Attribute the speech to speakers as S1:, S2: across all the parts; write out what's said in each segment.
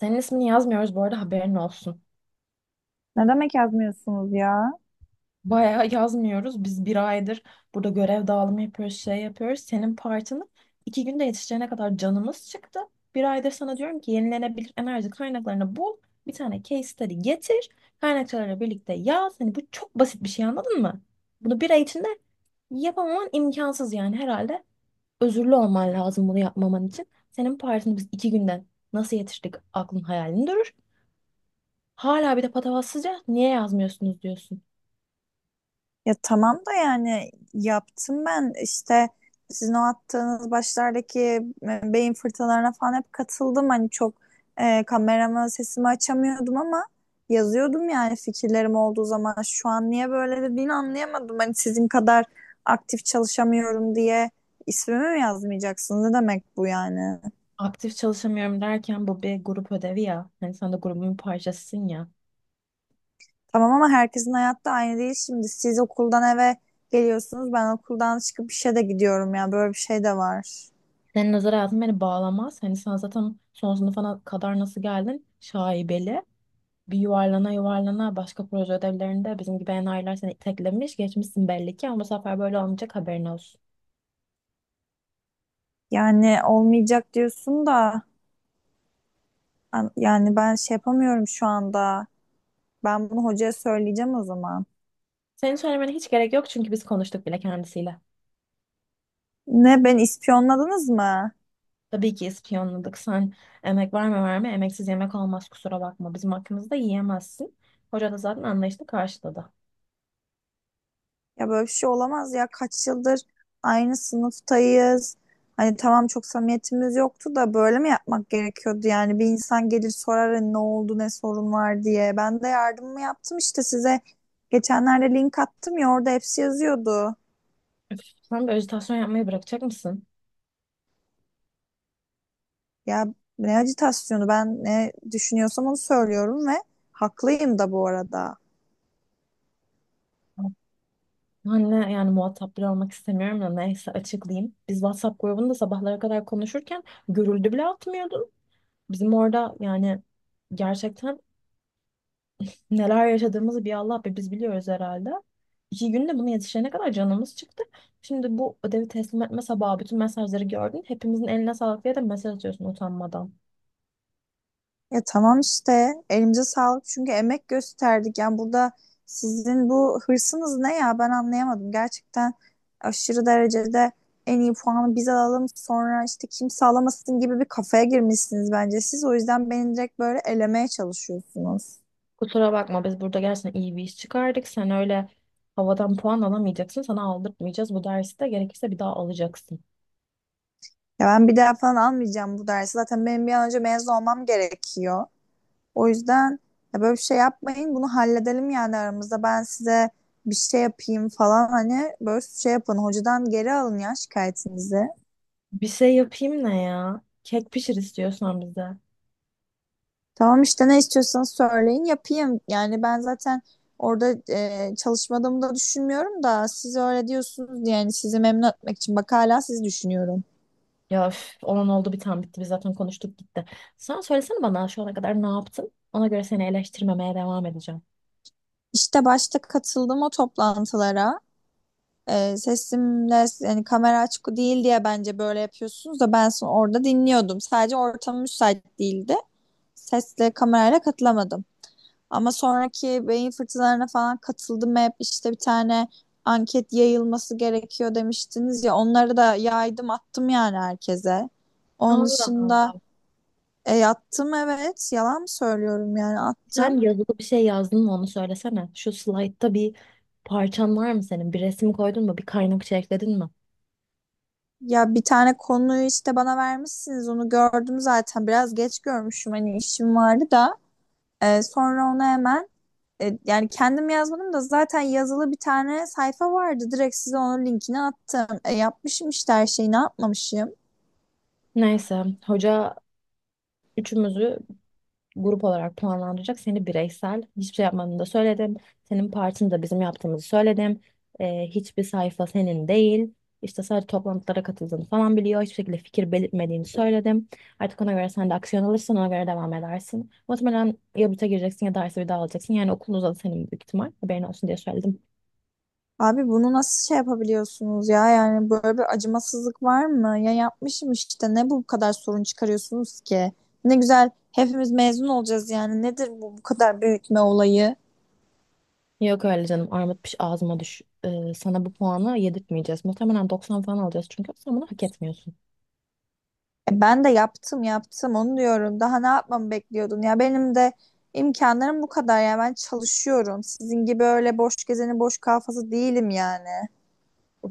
S1: Senin ismini yazmıyoruz bu arada haberin olsun.
S2: Ne demek yazmıyorsunuz ya?
S1: Bayağı yazmıyoruz. Biz bir aydır burada görev dağılımı yapıyoruz, şey yapıyoruz. Senin partını iki günde yetişeceğine kadar canımız çıktı. Bir aydır sana diyorum ki yenilenebilir enerji kaynaklarını bul. Bir tane case study getir. Kaynakçalarla birlikte yaz. Hani bu çok basit bir şey anladın mı? Bunu bir ay içinde yapamaman imkansız yani herhalde. Özürlü olman lazım bunu yapmaman için. Senin partini biz iki günden nasıl yetiştik aklın hayalini durur. Hala bir de patavatsızca niye yazmıyorsunuz diyorsun.
S2: Ya tamam da yani yaptım ben işte sizin o attığınız başlardaki beyin fırtınalarına falan hep katıldım. Hani çok kamerama sesimi açamıyordum ama yazıyordum yani fikirlerim olduğu zaman. Şu an niye böyle dediğini anlayamadım. Hani sizin kadar aktif çalışamıyorum diye ismimi mi yazmayacaksınız? Ne demek bu yani?
S1: Aktif çalışamıyorum derken bu bir grup ödevi ya. Hani sen de grubun bir parçasısın ya.
S2: Tamam ama herkesin hayatta aynı değil şimdi. Siz okuldan eve geliyorsunuz. Ben okuldan çıkıp işe de gidiyorum ya. Böyle bir şey de var.
S1: Senin özel hayatın beni bağlamaz. Hani sen zaten son sınıfa kadar nasıl geldin? Şaibeli. Bir yuvarlana yuvarlana başka proje ödevlerinde bizim gibi enayiler seni teklemiş. Geçmişsin belli ki ama bu sefer böyle olmayacak haberin olsun.
S2: Yani olmayacak diyorsun da yani ben şey yapamıyorum şu anda. Ben bunu hocaya söyleyeceğim o zaman.
S1: Senin söylemene hiç gerek yok çünkü biz konuştuk bile kendisiyle.
S2: Ne, beni ispiyonladınız mı?
S1: Tabii ki ispiyonladık. Sen emek var mı var mı? Emeksiz yemek olmaz kusura bakma. Bizim hakkımızda yiyemezsin. Hoca da zaten anlayışla karşıladı.
S2: Ya böyle bir şey olamaz ya. Kaç yıldır aynı sınıftayız. Hani tamam çok samimiyetimiz yoktu da böyle mi yapmak gerekiyordu yani? Bir insan gelir sorar hani ne oldu, ne sorun var diye. Ben de yardımımı yaptım işte size. Geçenlerde link attım ya, orada hepsi yazıyordu.
S1: Sen de ajitasyon yapmayı bırakacak mısın?
S2: Ya ne acitasyonu, ben ne düşünüyorsam onu söylüyorum ve haklıyım da bu arada.
S1: Anne yani muhatap bile olmak istemiyorum da neyse açıklayayım. Biz WhatsApp grubunda sabahlara kadar konuşurken görüldü bile atmıyordun. Bizim orada yani gerçekten neler yaşadığımızı bir Allah be biz biliyoruz herhalde. İki günde bunu yetişene kadar canımız çıktı. Şimdi bu ödevi teslim etme sabahı bütün mesajları gördün. Hepimizin eline sağlık diye de mesaj atıyorsun utanmadan.
S2: Ya tamam işte, elimize sağlık çünkü emek gösterdik. Yani burada sizin bu hırsınız ne ya, ben anlayamadım. Gerçekten aşırı derecede en iyi puanı biz alalım, sonra işte kimse alamasın gibi bir kafaya girmişsiniz bence siz. O yüzden beni direkt böyle elemeye çalışıyorsunuz.
S1: Kusura bakma biz burada gerçekten iyi bir iş çıkardık. Sen öyle havadan puan alamayacaksın. Sana aldırtmayacağız. Bu dersi de gerekirse bir daha alacaksın.
S2: Ya ben bir daha falan almayacağım bu dersi. Zaten benim bir an önce mezun olmam gerekiyor. O yüzden ya böyle bir şey yapmayın. Bunu halledelim yani aramızda. Ben size bir şey yapayım falan, hani böyle şey yapın. Hocadan geri alın ya şikayetinizi.
S1: Bir şey yapayım ne ya? Kek pişir istiyorsan bize.
S2: Tamam işte, ne istiyorsanız söyleyin yapayım. Yani ben zaten orada çalışmadığımı da düşünmüyorum da siz öyle diyorsunuz diye, yani sizi memnun etmek için bak hala siz düşünüyorum.
S1: Ya üf, olan oldu bir tane bitti. Biz zaten konuştuk gitti. Sen söylesene bana şu ana kadar ne yaptın? Ona göre seni eleştirmemeye devam edeceğim.
S2: İşte başta katıldım o toplantılara. Sesimle yani kamera açık değil diye bence böyle yapıyorsunuz da ben sonra orada dinliyordum. Sadece ortam müsait değildi, sesle kamerayla katılamadım. Ama sonraki beyin fırtınalarına falan katıldım hep, işte bir tane anket yayılması gerekiyor demiştiniz ya, onları da yaydım, attım yani herkese. Onun
S1: Allah
S2: dışında
S1: Allah.
S2: attım, evet, yalan mı söylüyorum, yani attım.
S1: Sen yazılı bir şey yazdın mı onu söylesene. Şu slaytta bir parçan var mı senin? Bir resim koydun mu? Bir kaynak ekledin mi?
S2: Ya bir tane konuyu işte bana vermişsiniz, onu gördüm zaten, biraz geç görmüşüm hani, işim vardı da. E, sonra onu hemen E, Yani kendim yazmadım da zaten yazılı bir tane sayfa vardı. Direkt size onun linkini attım. Yapmışım işte her şeyi, ne yapmamışım.
S1: Neyse hoca üçümüzü grup olarak puanlandıracak. Seni bireysel hiçbir şey yapmanı da söyledim. Senin partini de bizim yaptığımızı söyledim. Hiçbir sayfa senin değil. İşte sadece toplantılara katıldığını falan biliyor. Hiçbir şekilde fikir belirtmediğini söyledim. Artık ona göre sen de aksiyon alırsın, ona göre devam edersin. Muhtemelen ya büte gireceksin ya dersi bir daha alacaksın. Yani okulun uzadı senin büyük ihtimal. Haberin olsun diye söyledim.
S2: Abi bunu nasıl şey yapabiliyorsunuz ya? Yani böyle bir acımasızlık var mı? Ya yapmışım işte. Ne bu kadar sorun çıkarıyorsunuz ki? Ne güzel hepimiz mezun olacağız yani. Nedir bu bu kadar büyütme olayı?
S1: Yok öyle canım armut piş ağzıma düş. Sana bu puanı yedirtmeyeceğiz. Muhtemelen 90 falan alacağız çünkü sen bunu hak etmiyorsun.
S2: Ben de yaptım onu diyorum. Daha ne yapmamı bekliyordun? Ya benim de imkanlarım bu kadar ya. Ben çalışıyorum. Sizin gibi öyle boş gezeni boş kafası değilim yani.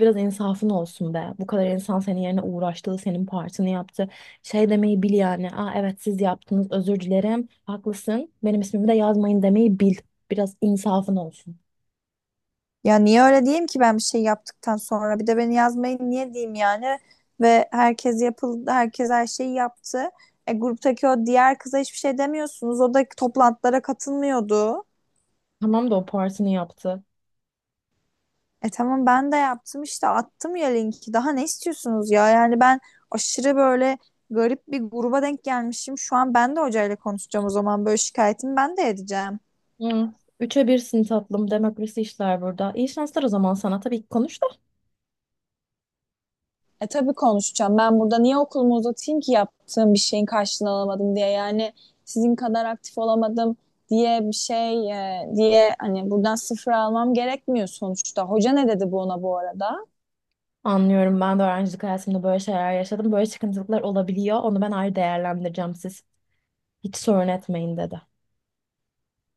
S1: Biraz insafın olsun be. Bu kadar insan senin yerine uğraştı, senin partini yaptı. Şey demeyi bil yani. Aa evet siz yaptınız, özür dilerim. Haklısın. Benim ismimi de yazmayın demeyi bil. Biraz insafın olsun.
S2: Ya niye öyle diyeyim ki, ben bir şey yaptıktan sonra bir de beni yazmayın niye diyeyim yani? Ve herkes yapıldı, herkes her şeyi yaptı. Gruptaki o diğer kıza hiçbir şey demiyorsunuz. O da toplantılara katılmıyordu.
S1: Tamam da o partini yaptı.
S2: E tamam, ben de yaptım işte, attım ya linki. Daha ne istiyorsunuz ya? Yani ben aşırı böyle garip bir gruba denk gelmişim. Şu an ben de hocayla konuşacağım o zaman, böyle şikayetimi ben de edeceğim.
S1: Hı. Üçe birsin tatlım. Demokrasi işler burada. İyi şanslar o zaman sana. Tabii ki konuş da.
S2: E tabii konuşacağım. Ben burada niye okulumu uzatayım ki, yaptığım bir şeyin karşılığını alamadım diye. Yani sizin kadar aktif olamadım diye bir şey, diye hani, buradan sıfır almam gerekmiyor sonuçta. Hoca ne dedi bu ona bu arada?
S1: Anlıyorum. Ben de öğrencilik hayatımda böyle şeyler yaşadım. Böyle sıkıntılıklar olabiliyor. Onu ben ayrı değerlendireceğim siz. Hiç sorun etmeyin dedi.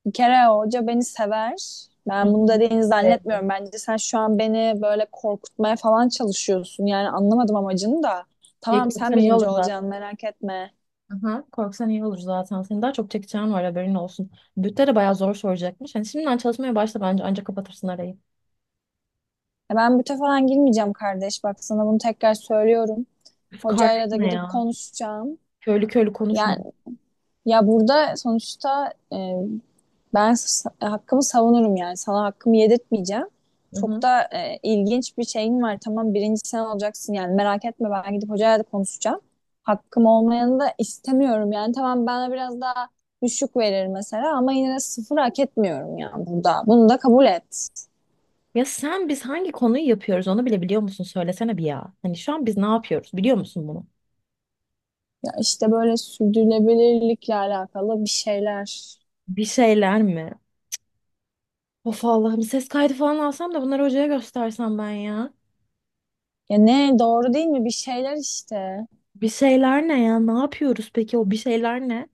S2: Bir kere hoca beni sever.
S1: Hı
S2: Ben
S1: hı.
S2: bunu dediğini
S1: Evet.
S2: zannetmiyorum. Bence sen şu an beni böyle korkutmaya falan çalışıyorsun. Yani anlamadım amacını da. Tamam sen
S1: Korksan iyi olur
S2: birinci
S1: zaten.
S2: olacaksın, merak etme.
S1: Aha, korksan iyi olur zaten. Senin daha çok çekeceğin var haberin olsun. Bütte de bayağı zor soracakmış. Hani şimdiden çalışmaya başla bence ancak kapatırsın arayı.
S2: E ben büte falan girmeyeceğim kardeş. Bak sana bunu tekrar söylüyorum.
S1: Üf, kardeş
S2: Hocayla da
S1: ne
S2: gidip
S1: ya?
S2: konuşacağım.
S1: Köylü köylü konuşma.
S2: Yani ya burada sonuçta hakkımı savunurum yani. Sana hakkımı yedirtmeyeceğim.
S1: Hı
S2: Çok
S1: hı.
S2: da ilginç bir şeyim var. Tamam birinci sen olacaksın yani, merak etme, ben gidip hocayla da konuşacağım. Hakkım olmayanı da istemiyorum yani. Tamam bana biraz daha düşük verir mesela, ama yine de sıfır hak etmiyorum yani burada. Bunu da kabul et.
S1: Ya sen biz hangi konuyu yapıyoruz onu bile biliyor musun? Söylesene bir ya. Hani şu an biz ne yapıyoruz biliyor musun bunu?
S2: Ya işte böyle sürdürülebilirlikle alakalı bir şeyler.
S1: Bir şeyler mi? Of Allah'ım ses kaydı falan alsam da bunları hocaya göstersem ben ya.
S2: Ya ne, doğru değil mi? Bir şeyler işte.
S1: Bir şeyler ne ya? Ne yapıyoruz peki o bir şeyler ne?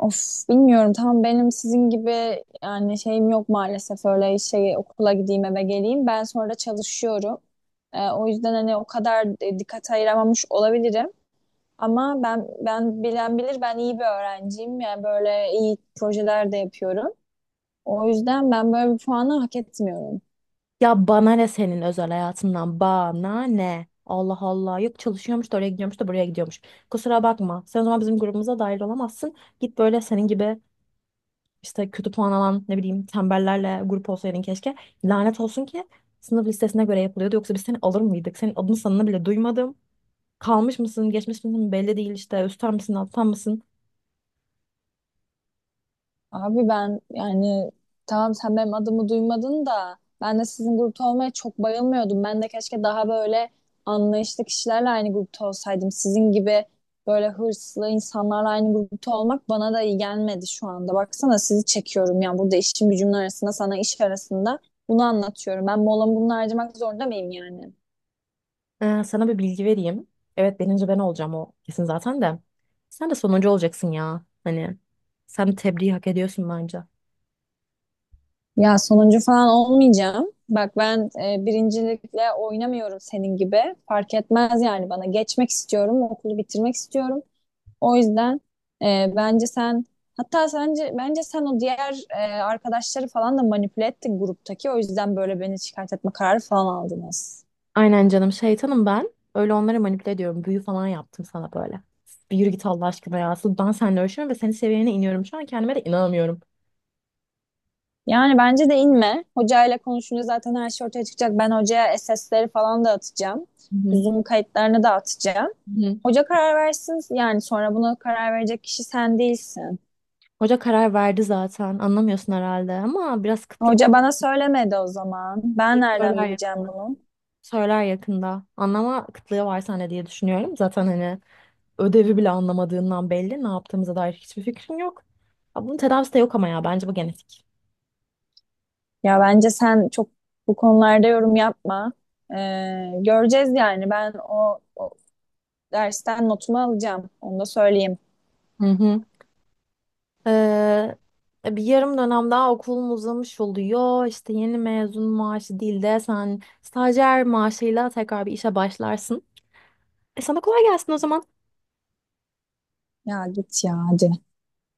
S2: Of bilmiyorum, tam benim sizin gibi yani şeyim yok maalesef, öyle şey okula gideyim eve geleyim. Ben sonra çalışıyorum. O yüzden hani o kadar dikkat ayıramamış olabilirim. Ama ben bilen bilir, ben iyi bir öğrenciyim. Yani böyle iyi projeler de yapıyorum. O yüzden ben böyle bir puanı hak etmiyorum.
S1: Ya bana ne senin özel hayatından? Bana ne? Allah Allah. Yok çalışıyormuş da oraya gidiyormuş da buraya gidiyormuş. Kusura bakma. Sen o zaman bizim grubumuza dahil olamazsın. Git böyle senin gibi işte kötü puan alan ne bileyim tembellerle grup olsaydın keşke. Lanet olsun ki sınıf listesine göre yapılıyordu. Yoksa biz seni alır mıydık? Senin adını sanını bile duymadım. Kalmış mısın, geçmiş misin belli değil işte. Üstten misin, alttan mısın?
S2: Abi ben yani, tamam sen benim adımı duymadın da, ben de sizin grupta olmaya çok bayılmıyordum. Ben de keşke daha böyle anlayışlı kişilerle aynı grupta olsaydım. Sizin gibi böyle hırslı insanlarla aynı grupta olmak bana da iyi gelmedi şu anda. Baksana sizi çekiyorum yani burada, işim gücümün arasında, sana iş arasında bunu anlatıyorum. Ben molamı bunu harcamak zorunda mıyım yani?
S1: Sana bir bilgi vereyim. Evet birinci ben olacağım o kesin zaten de. Sen de sonuncu olacaksın ya. Hani sen tebriği hak ediyorsun bence.
S2: Ya sonuncu falan olmayacağım. Bak ben birincilikle oynamıyorum senin gibi. Fark etmez yani bana. Geçmek istiyorum, okulu bitirmek istiyorum. O yüzden e, bence sen bence sen o diğer arkadaşları falan da manipüle ettin gruptaki. O yüzden böyle beni şikayet etme kararı falan aldınız.
S1: Aynen canım şeytanım ben. Öyle onları manipüle ediyorum. Büyü falan yaptım sana böyle. Bir yürü git Allah aşkına ya. Asıl ben seninle ölçüyorum ve senin seviyene iniyorum. Şu an kendime de inanamıyorum.
S2: Yani bence de inme. Hocayla konuşunca zaten her şey ortaya çıkacak. Ben hocaya SS'leri falan da atacağım.
S1: Hı hı.
S2: Zoom kayıtlarını da atacağım.
S1: Hı.
S2: Hoca karar versin. Yani sonra buna karar verecek kişi sen değilsin.
S1: Hoca karar verdi zaten. Anlamıyorsun herhalde ama biraz kıtlık olduğu
S2: Hoca bana söylemedi o zaman. Ben
S1: şeyi
S2: nereden
S1: söyler
S2: bileceğim
S1: yakında.
S2: bunu?
S1: Söyler yakında. Anlama kıtlığı var sende diye düşünüyorum. Zaten hani ödevi bile anlamadığından belli. Ne yaptığımıza dair hiçbir fikrin yok. Ya bunun tedavisi de yok ama ya bence bu genetik.
S2: Ya bence sen çok bu konularda yorum yapma. Göreceğiz yani. Ben o dersten notumu alacağım. Onu da söyleyeyim.
S1: Hı hı. Ee, Bir yarım dönem daha okulun uzamış oluyor. İşte yeni mezun maaşı değil de sen stajyer maaşıyla tekrar bir işe başlarsın. E sana kolay gelsin o zaman.
S2: Ya git ya, hadi.